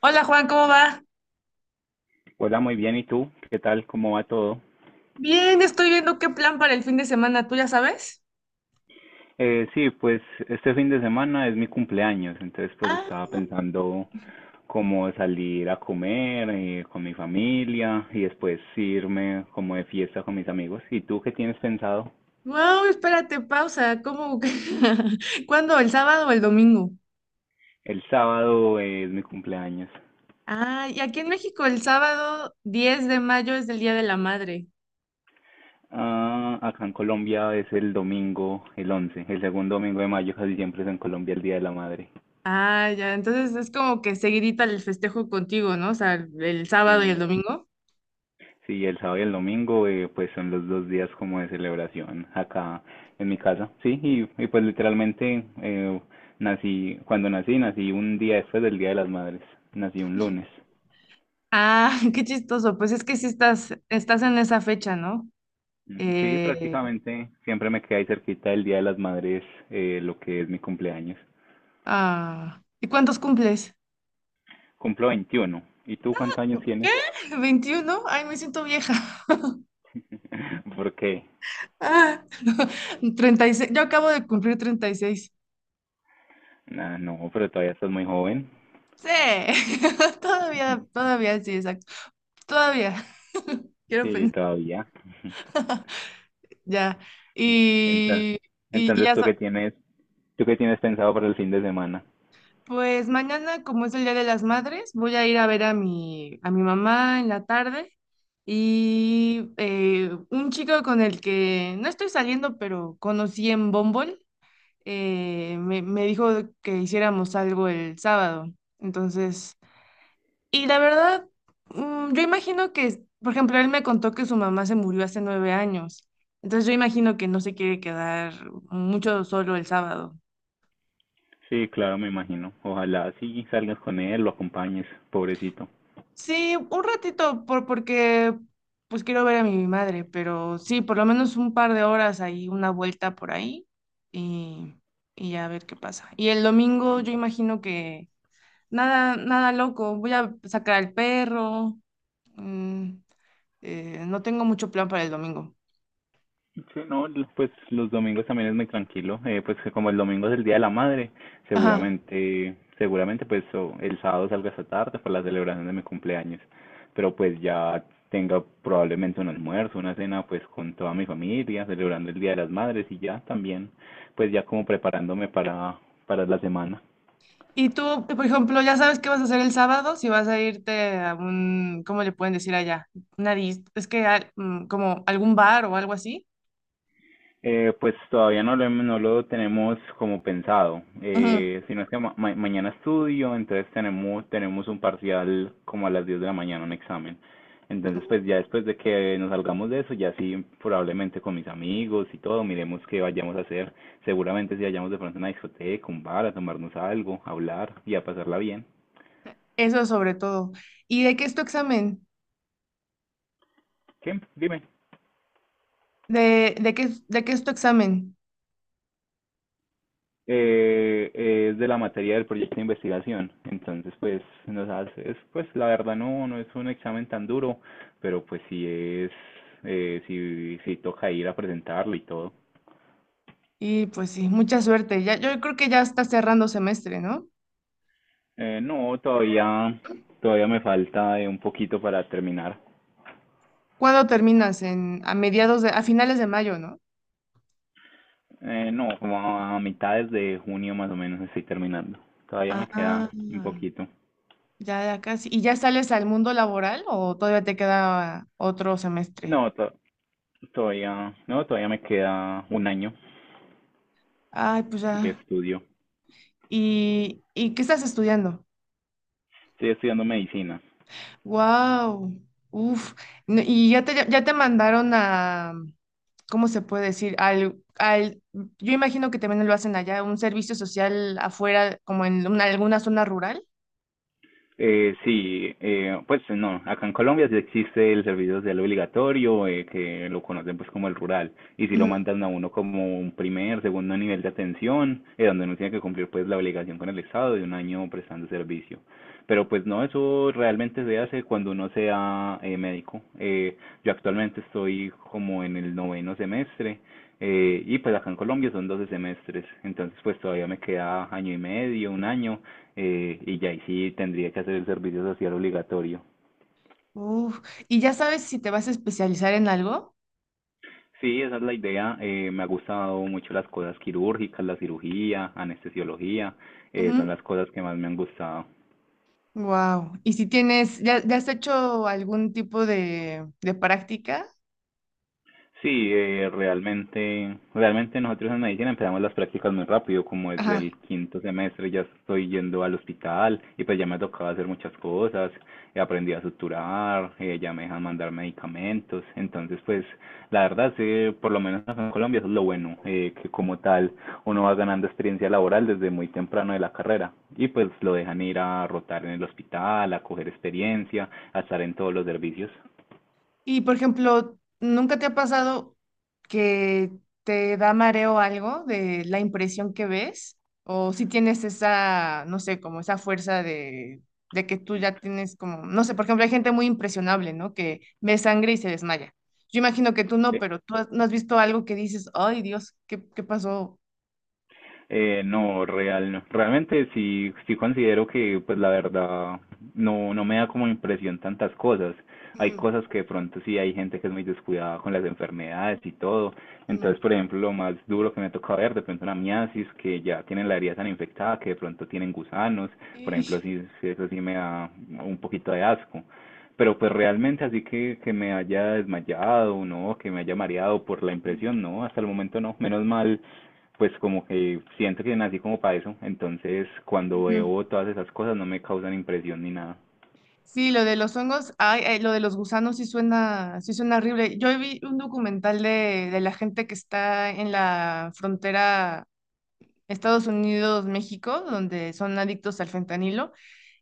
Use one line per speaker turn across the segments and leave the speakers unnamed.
Hola Juan, ¿cómo va?
Hola, muy bien. ¿Y tú? ¿Qué tal? ¿Cómo va todo?
Bien, estoy viendo qué plan para el fin de semana, ¿tú ya sabes?
Sí, pues este fin de semana es mi cumpleaños, entonces pues
Ah,
estaba pensando como salir a comer con mi familia y después irme como de fiesta con mis amigos. ¿Y tú qué tienes pensado?
wow, espérate, pausa. ¿Cómo? ¿Cuándo? ¿El sábado o el domingo?
El sábado es mi cumpleaños.
Ah, y aquí en México el sábado 10 de mayo es el Día de la Madre.
Ah, acá en Colombia es el domingo, el 11, el segundo domingo de mayo, casi siempre es en Colombia el Día de la Madre.
Ah, ya, entonces es como que seguidita el festejo contigo, ¿no? O sea, el sábado y el
Sí.
domingo.
Sí, el sábado y el domingo, pues son los dos días como de celebración acá en mi casa. Sí, y pues literalmente cuando nací, nací un día después del Día de las Madres, nací un lunes.
Ah, qué chistoso. Pues es que sí estás en esa fecha, ¿no?
Mm, sí,
Eh,
prácticamente siempre me quedé ahí cerquita del Día de las Madres, lo que es mi cumpleaños.
ah, ¿y cuántos cumples?
Cumplo 21. ¿Y tú cuántos años
¿Qué?
tienes?
21. Ay, me siento vieja.
¿Por qué?
Ah, 36. Yo acabo de cumplir 36.
Nah, no, pero todavía estás muy joven.
Sí, todavía, todavía, sí, exacto. Todavía, quiero
Sí,
pensar,
todavía.
ya.
Entonces,
Y, y, y
entonces,
ya, sa-
¿tú qué tienes pensado para el fin de semana?
pues mañana, como es el Día de las Madres, voy a ir a ver a mi mamá en la tarde. Y un chico con el que no estoy saliendo, pero conocí en Bumble, me dijo que hiciéramos algo el sábado. Entonces, y la verdad, yo imagino que, por ejemplo, él me contó que su mamá se murió hace 9 años. Entonces yo imagino que no se quiere quedar mucho solo el sábado.
Sí, claro, me imagino. Ojalá sí salgas con él, lo acompañes, pobrecito.
Sí, un ratito, porque pues quiero ver a mi madre, pero sí, por lo menos un par de horas ahí, una vuelta por ahí y, y ya a ver qué pasa. Y el domingo
Sí,
yo imagino que nada, nada loco, voy a sacar al perro, mm, no tengo mucho plan para el domingo.
sí, no, pues los domingos también es muy tranquilo. Pues que como el domingo es el Día de la Madre,
Ajá.
seguramente, seguramente pues o el sábado salga esta tarde para la celebración de mi cumpleaños. Pero pues ya tenga probablemente un almuerzo, una cena pues con toda mi familia, celebrando el Día de las Madres y ya también, pues ya como preparándome para, la semana.
Y tú, por ejemplo, ya sabes qué vas a hacer el sábado, si vas a irte a un, ¿cómo le pueden decir allá? Es que como algún bar o algo así.
Pues todavía no lo tenemos como pensado.
Ujú.
Sino es que mañana estudio, entonces tenemos un parcial como a las 10 de la mañana, un examen. Entonces, pues ya después de que nos salgamos de eso, ya sí, probablemente con mis amigos y todo, miremos qué vayamos a hacer. Seguramente si vayamos de pronto a una discoteca, un bar, a tomarnos algo, a hablar y a pasarla bien.
Eso sobre todo. ¿Y de qué es tu examen?
¿Qué? Dime.
¿De qué, de qué es tu examen?
Es de la materia del proyecto de investigación. Entonces, pues, nos hace, es, pues, la verdad no es un examen tan duro, pero pues sí es, sí, sí toca ir a presentarlo y todo.
Y pues sí, mucha suerte. Ya, yo creo que ya estás cerrando semestre, ¿no?
No, todavía me falta un poquito para terminar.
¿Cuándo terminas? En, a mediados de, a finales de mayo, ¿no?
No, como a mitades de junio más o menos estoy terminando. Todavía me queda
Ah,
un poquito.
ya, ya casi. ¿Y ya sales al mundo laboral o todavía te queda otro semestre?
No, todavía, no, todavía me queda un año
Ay, pues
de
ya.
estudio.
¿Y qué estás estudiando?
Estoy estudiando medicina.
Wow, uf. ¿Y ya te mandaron a, ¿cómo se puede decir? Al, al, yo imagino que también lo hacen allá, un servicio social afuera, como en alguna zona rural.
Sí, pues no, acá en Colombia sí existe el servicio social obligatorio, que lo conocen pues como el rural, y si lo
Ujú.
mandan a uno como un primer, segundo nivel de atención, donde uno tiene que cumplir pues la obligación con el Estado de un año prestando servicio. Pero pues no, eso realmente se hace cuando uno sea médico. Yo actualmente estoy como en el noveno semestre, y pues acá en Colombia son 12 semestres, entonces pues todavía me queda año y medio, un año, y ya ahí sí tendría que hacer el servicio social obligatorio.
Uf. ¿Y ya sabes si te vas a especializar en algo?
Sí, esa es la idea. Me ha gustado mucho las cosas quirúrgicas, la cirugía, anestesiología, son las cosas que más me han gustado.
Wow. ¿Y si tienes, ya, ya has hecho algún tipo de práctica?
Sí, realmente nosotros en medicina empezamos las prácticas muy rápido, como desde el quinto semestre ya estoy yendo al hospital y pues ya me tocaba hacer muchas cosas, aprendí a suturar, ya me dejan mandar medicamentos, entonces pues la verdad, sí, por lo menos acá en Colombia eso es lo bueno, que como tal uno va ganando experiencia laboral desde muy temprano de la carrera y pues lo dejan ir a rotar en el hospital, a coger experiencia, a estar en todos los servicios.
Y por ejemplo, ¿nunca te ha pasado que te da mareo algo de la impresión que ves? ¿O si tienes esa, no sé, como esa fuerza de que tú ya tienes como, no sé, por ejemplo, hay gente muy impresionable, ¿no? Que ve sangre y se desmaya. Yo imagino que tú no, pero no has visto algo que dices, ay Dios, ¿qué pasó?
No, no. Realmente sí, sí considero que, pues la verdad, no me da como impresión tantas cosas. Hay
Mm,
cosas que de pronto sí hay gente que es muy descuidada con las enfermedades y todo.
mm,
Entonces, por ejemplo, lo más duro que me toca ver, de pronto una miasis, que ya tienen la herida tan infectada, que de pronto tienen gusanos. Por ejemplo,
ish,
sí, sí, eso sí me da un poquito de asco. Pero pues realmente así que me haya desmayado, no, que me haya mareado por la
mm,
impresión, no, hasta el momento no. Menos mal pues como que siento que nací como para eso, entonces cuando
ujú.
veo todas esas cosas no me causan impresión ni nada.
Sí, lo de los hongos, ay, ay, lo de los gusanos sí suena horrible. Yo vi un documental de la gente que está en la frontera Estados Unidos-México, donde son adictos al fentanilo,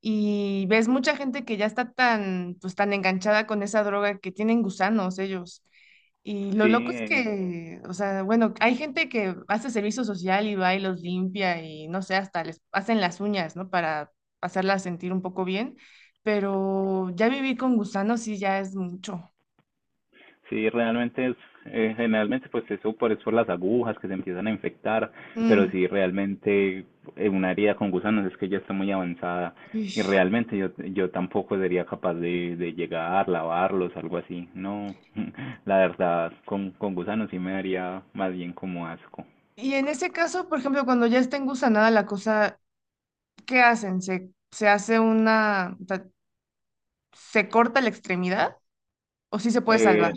y ves mucha gente que ya está tan, pues, tan enganchada con esa droga que tienen gusanos ellos. Y lo
Sí,
loco es
eh,
que, o sea, bueno, hay gente que hace servicio social y va y los limpia y no sé, hasta les hacen las uñas, ¿no? Para hacerlas sentir un poco bien, pero ya vivir con gusanos sí ya es mucho.
sí, realmente es, generalmente pues eso por, es por las agujas que se empiezan a infectar, pero
Mm,
sí, realmente una herida con gusanos es que ya está muy avanzada y
ish.
realmente yo tampoco sería capaz de, llegar, lavarlos, algo así, no, la verdad con gusanos sí me daría más bien como asco.
Y en ese caso, por ejemplo, cuando ya está engusanada la cosa, ¿qué hacen? ¿Se hace una, o sea, se corta la extremidad o sí se puede salvar?
Eh,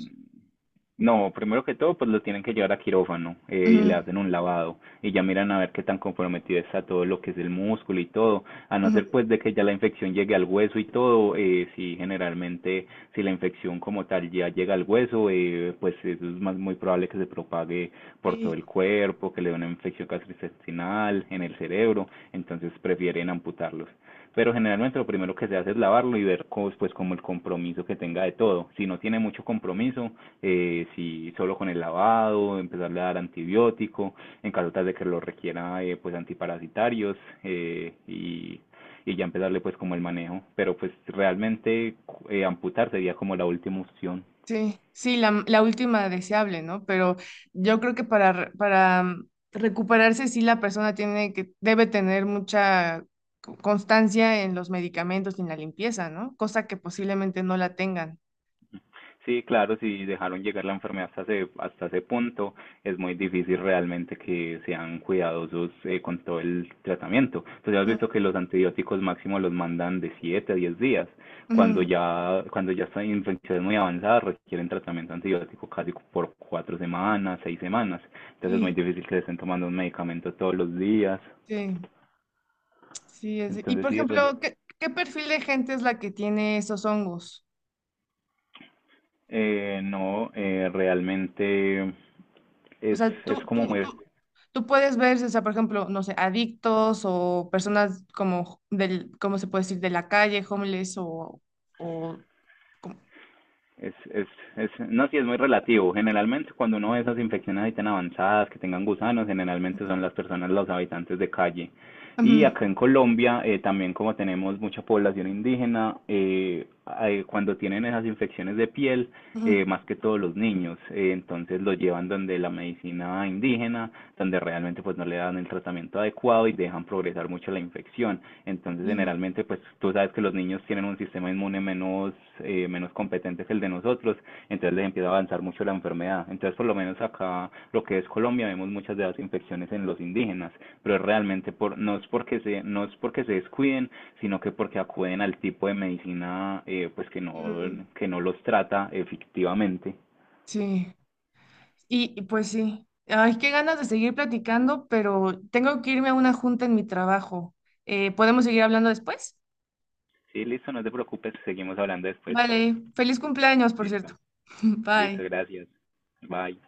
No, primero que todo, pues lo tienen que llevar a quirófano y le
Mm.
hacen un lavado y ya miran a ver qué tan comprometido está todo lo que es el músculo y todo, a no
Ujú,
ser
ujú.
pues de que ya la infección llegue al hueso y todo, sí, generalmente si la infección como tal ya llega al hueso, pues eso es más muy probable que se propague por todo
Sí.
el cuerpo, que le dé una infección gastrointestinal, en el cerebro, entonces prefieren amputarlos, pero generalmente lo primero que se hace es lavarlo y ver cómo, pues como el compromiso que tenga de todo. Si no tiene mucho compromiso, si solo con el lavado, empezarle a dar antibiótico, en caso tal de que lo requiera, pues antiparasitarios, eh, y, y ya empezarle pues como el manejo. Pero pues realmente amputar sería como la última opción.
Sí, sí, la última deseable, ¿no? Pero yo creo que para recuperarse, sí, la persona tiene que, debe tener mucha constancia en los medicamentos y en la limpieza, ¿no? Cosa que posiblemente no la tengan.
Sí, claro, si dejaron llegar la enfermedad hasta ese punto, es muy difícil realmente que sean cuidadosos con todo el tratamiento. Entonces has
Mm,
visto que los antibióticos máximo los mandan de 7 a 10 días. Cuando
ujú.
ya, cuando ya están infecciones muy avanzadas, requieren tratamiento antibiótico casi por 4 semanas, 6 semanas. Entonces es muy
Sí,
difícil que les estén tomando un medicamento todos los días.
sí, sí. Y
Entonces
por
sí,
ejemplo, ¿qué perfil de gente es la que tiene esos hongos?
no, realmente
O
es,
sea,
es
tú,
como
tú,
muy
tú, tú puedes ver, o sea, por ejemplo, no sé, adictos o personas como del, ¿cómo se puede decir? De la calle, homeless o, o como-
Es, es, es, no, sí, es muy relativo. Generalmente, cuando uno ve esas infecciones ahí tan avanzadas, que tengan gusanos, generalmente son las personas, los habitantes de calle. Y
Ujú,
acá en Colombia, también como tenemos mucha población indígena, cuando tienen esas infecciones de piel,
ujú.
más que todos los niños, entonces los llevan donde la medicina indígena, donde realmente pues no le dan el tratamiento adecuado y dejan progresar mucho la infección, entonces
Y-
generalmente pues tú sabes que los niños tienen un sistema inmune menos, menos competente que el de nosotros, entonces les empieza a avanzar mucho la enfermedad, entonces por lo menos acá lo que es Colombia vemos muchas de las infecciones en los indígenas, pero realmente por, no es porque se, no es porque se descuiden, sino que porque acuden al tipo de medicina pues
mm,
que no los trata efectivamente.
Sí, y pues sí. Ay, qué ganas de seguir platicando, pero tengo que irme a una junta en mi trabajo. ¿Podemos seguir hablando después?
Sí, listo, no te preocupes, seguimos hablando después.
Vale, feliz cumpleaños, por
Listo,
cierto.
listo,
Bye.
gracias. Bye.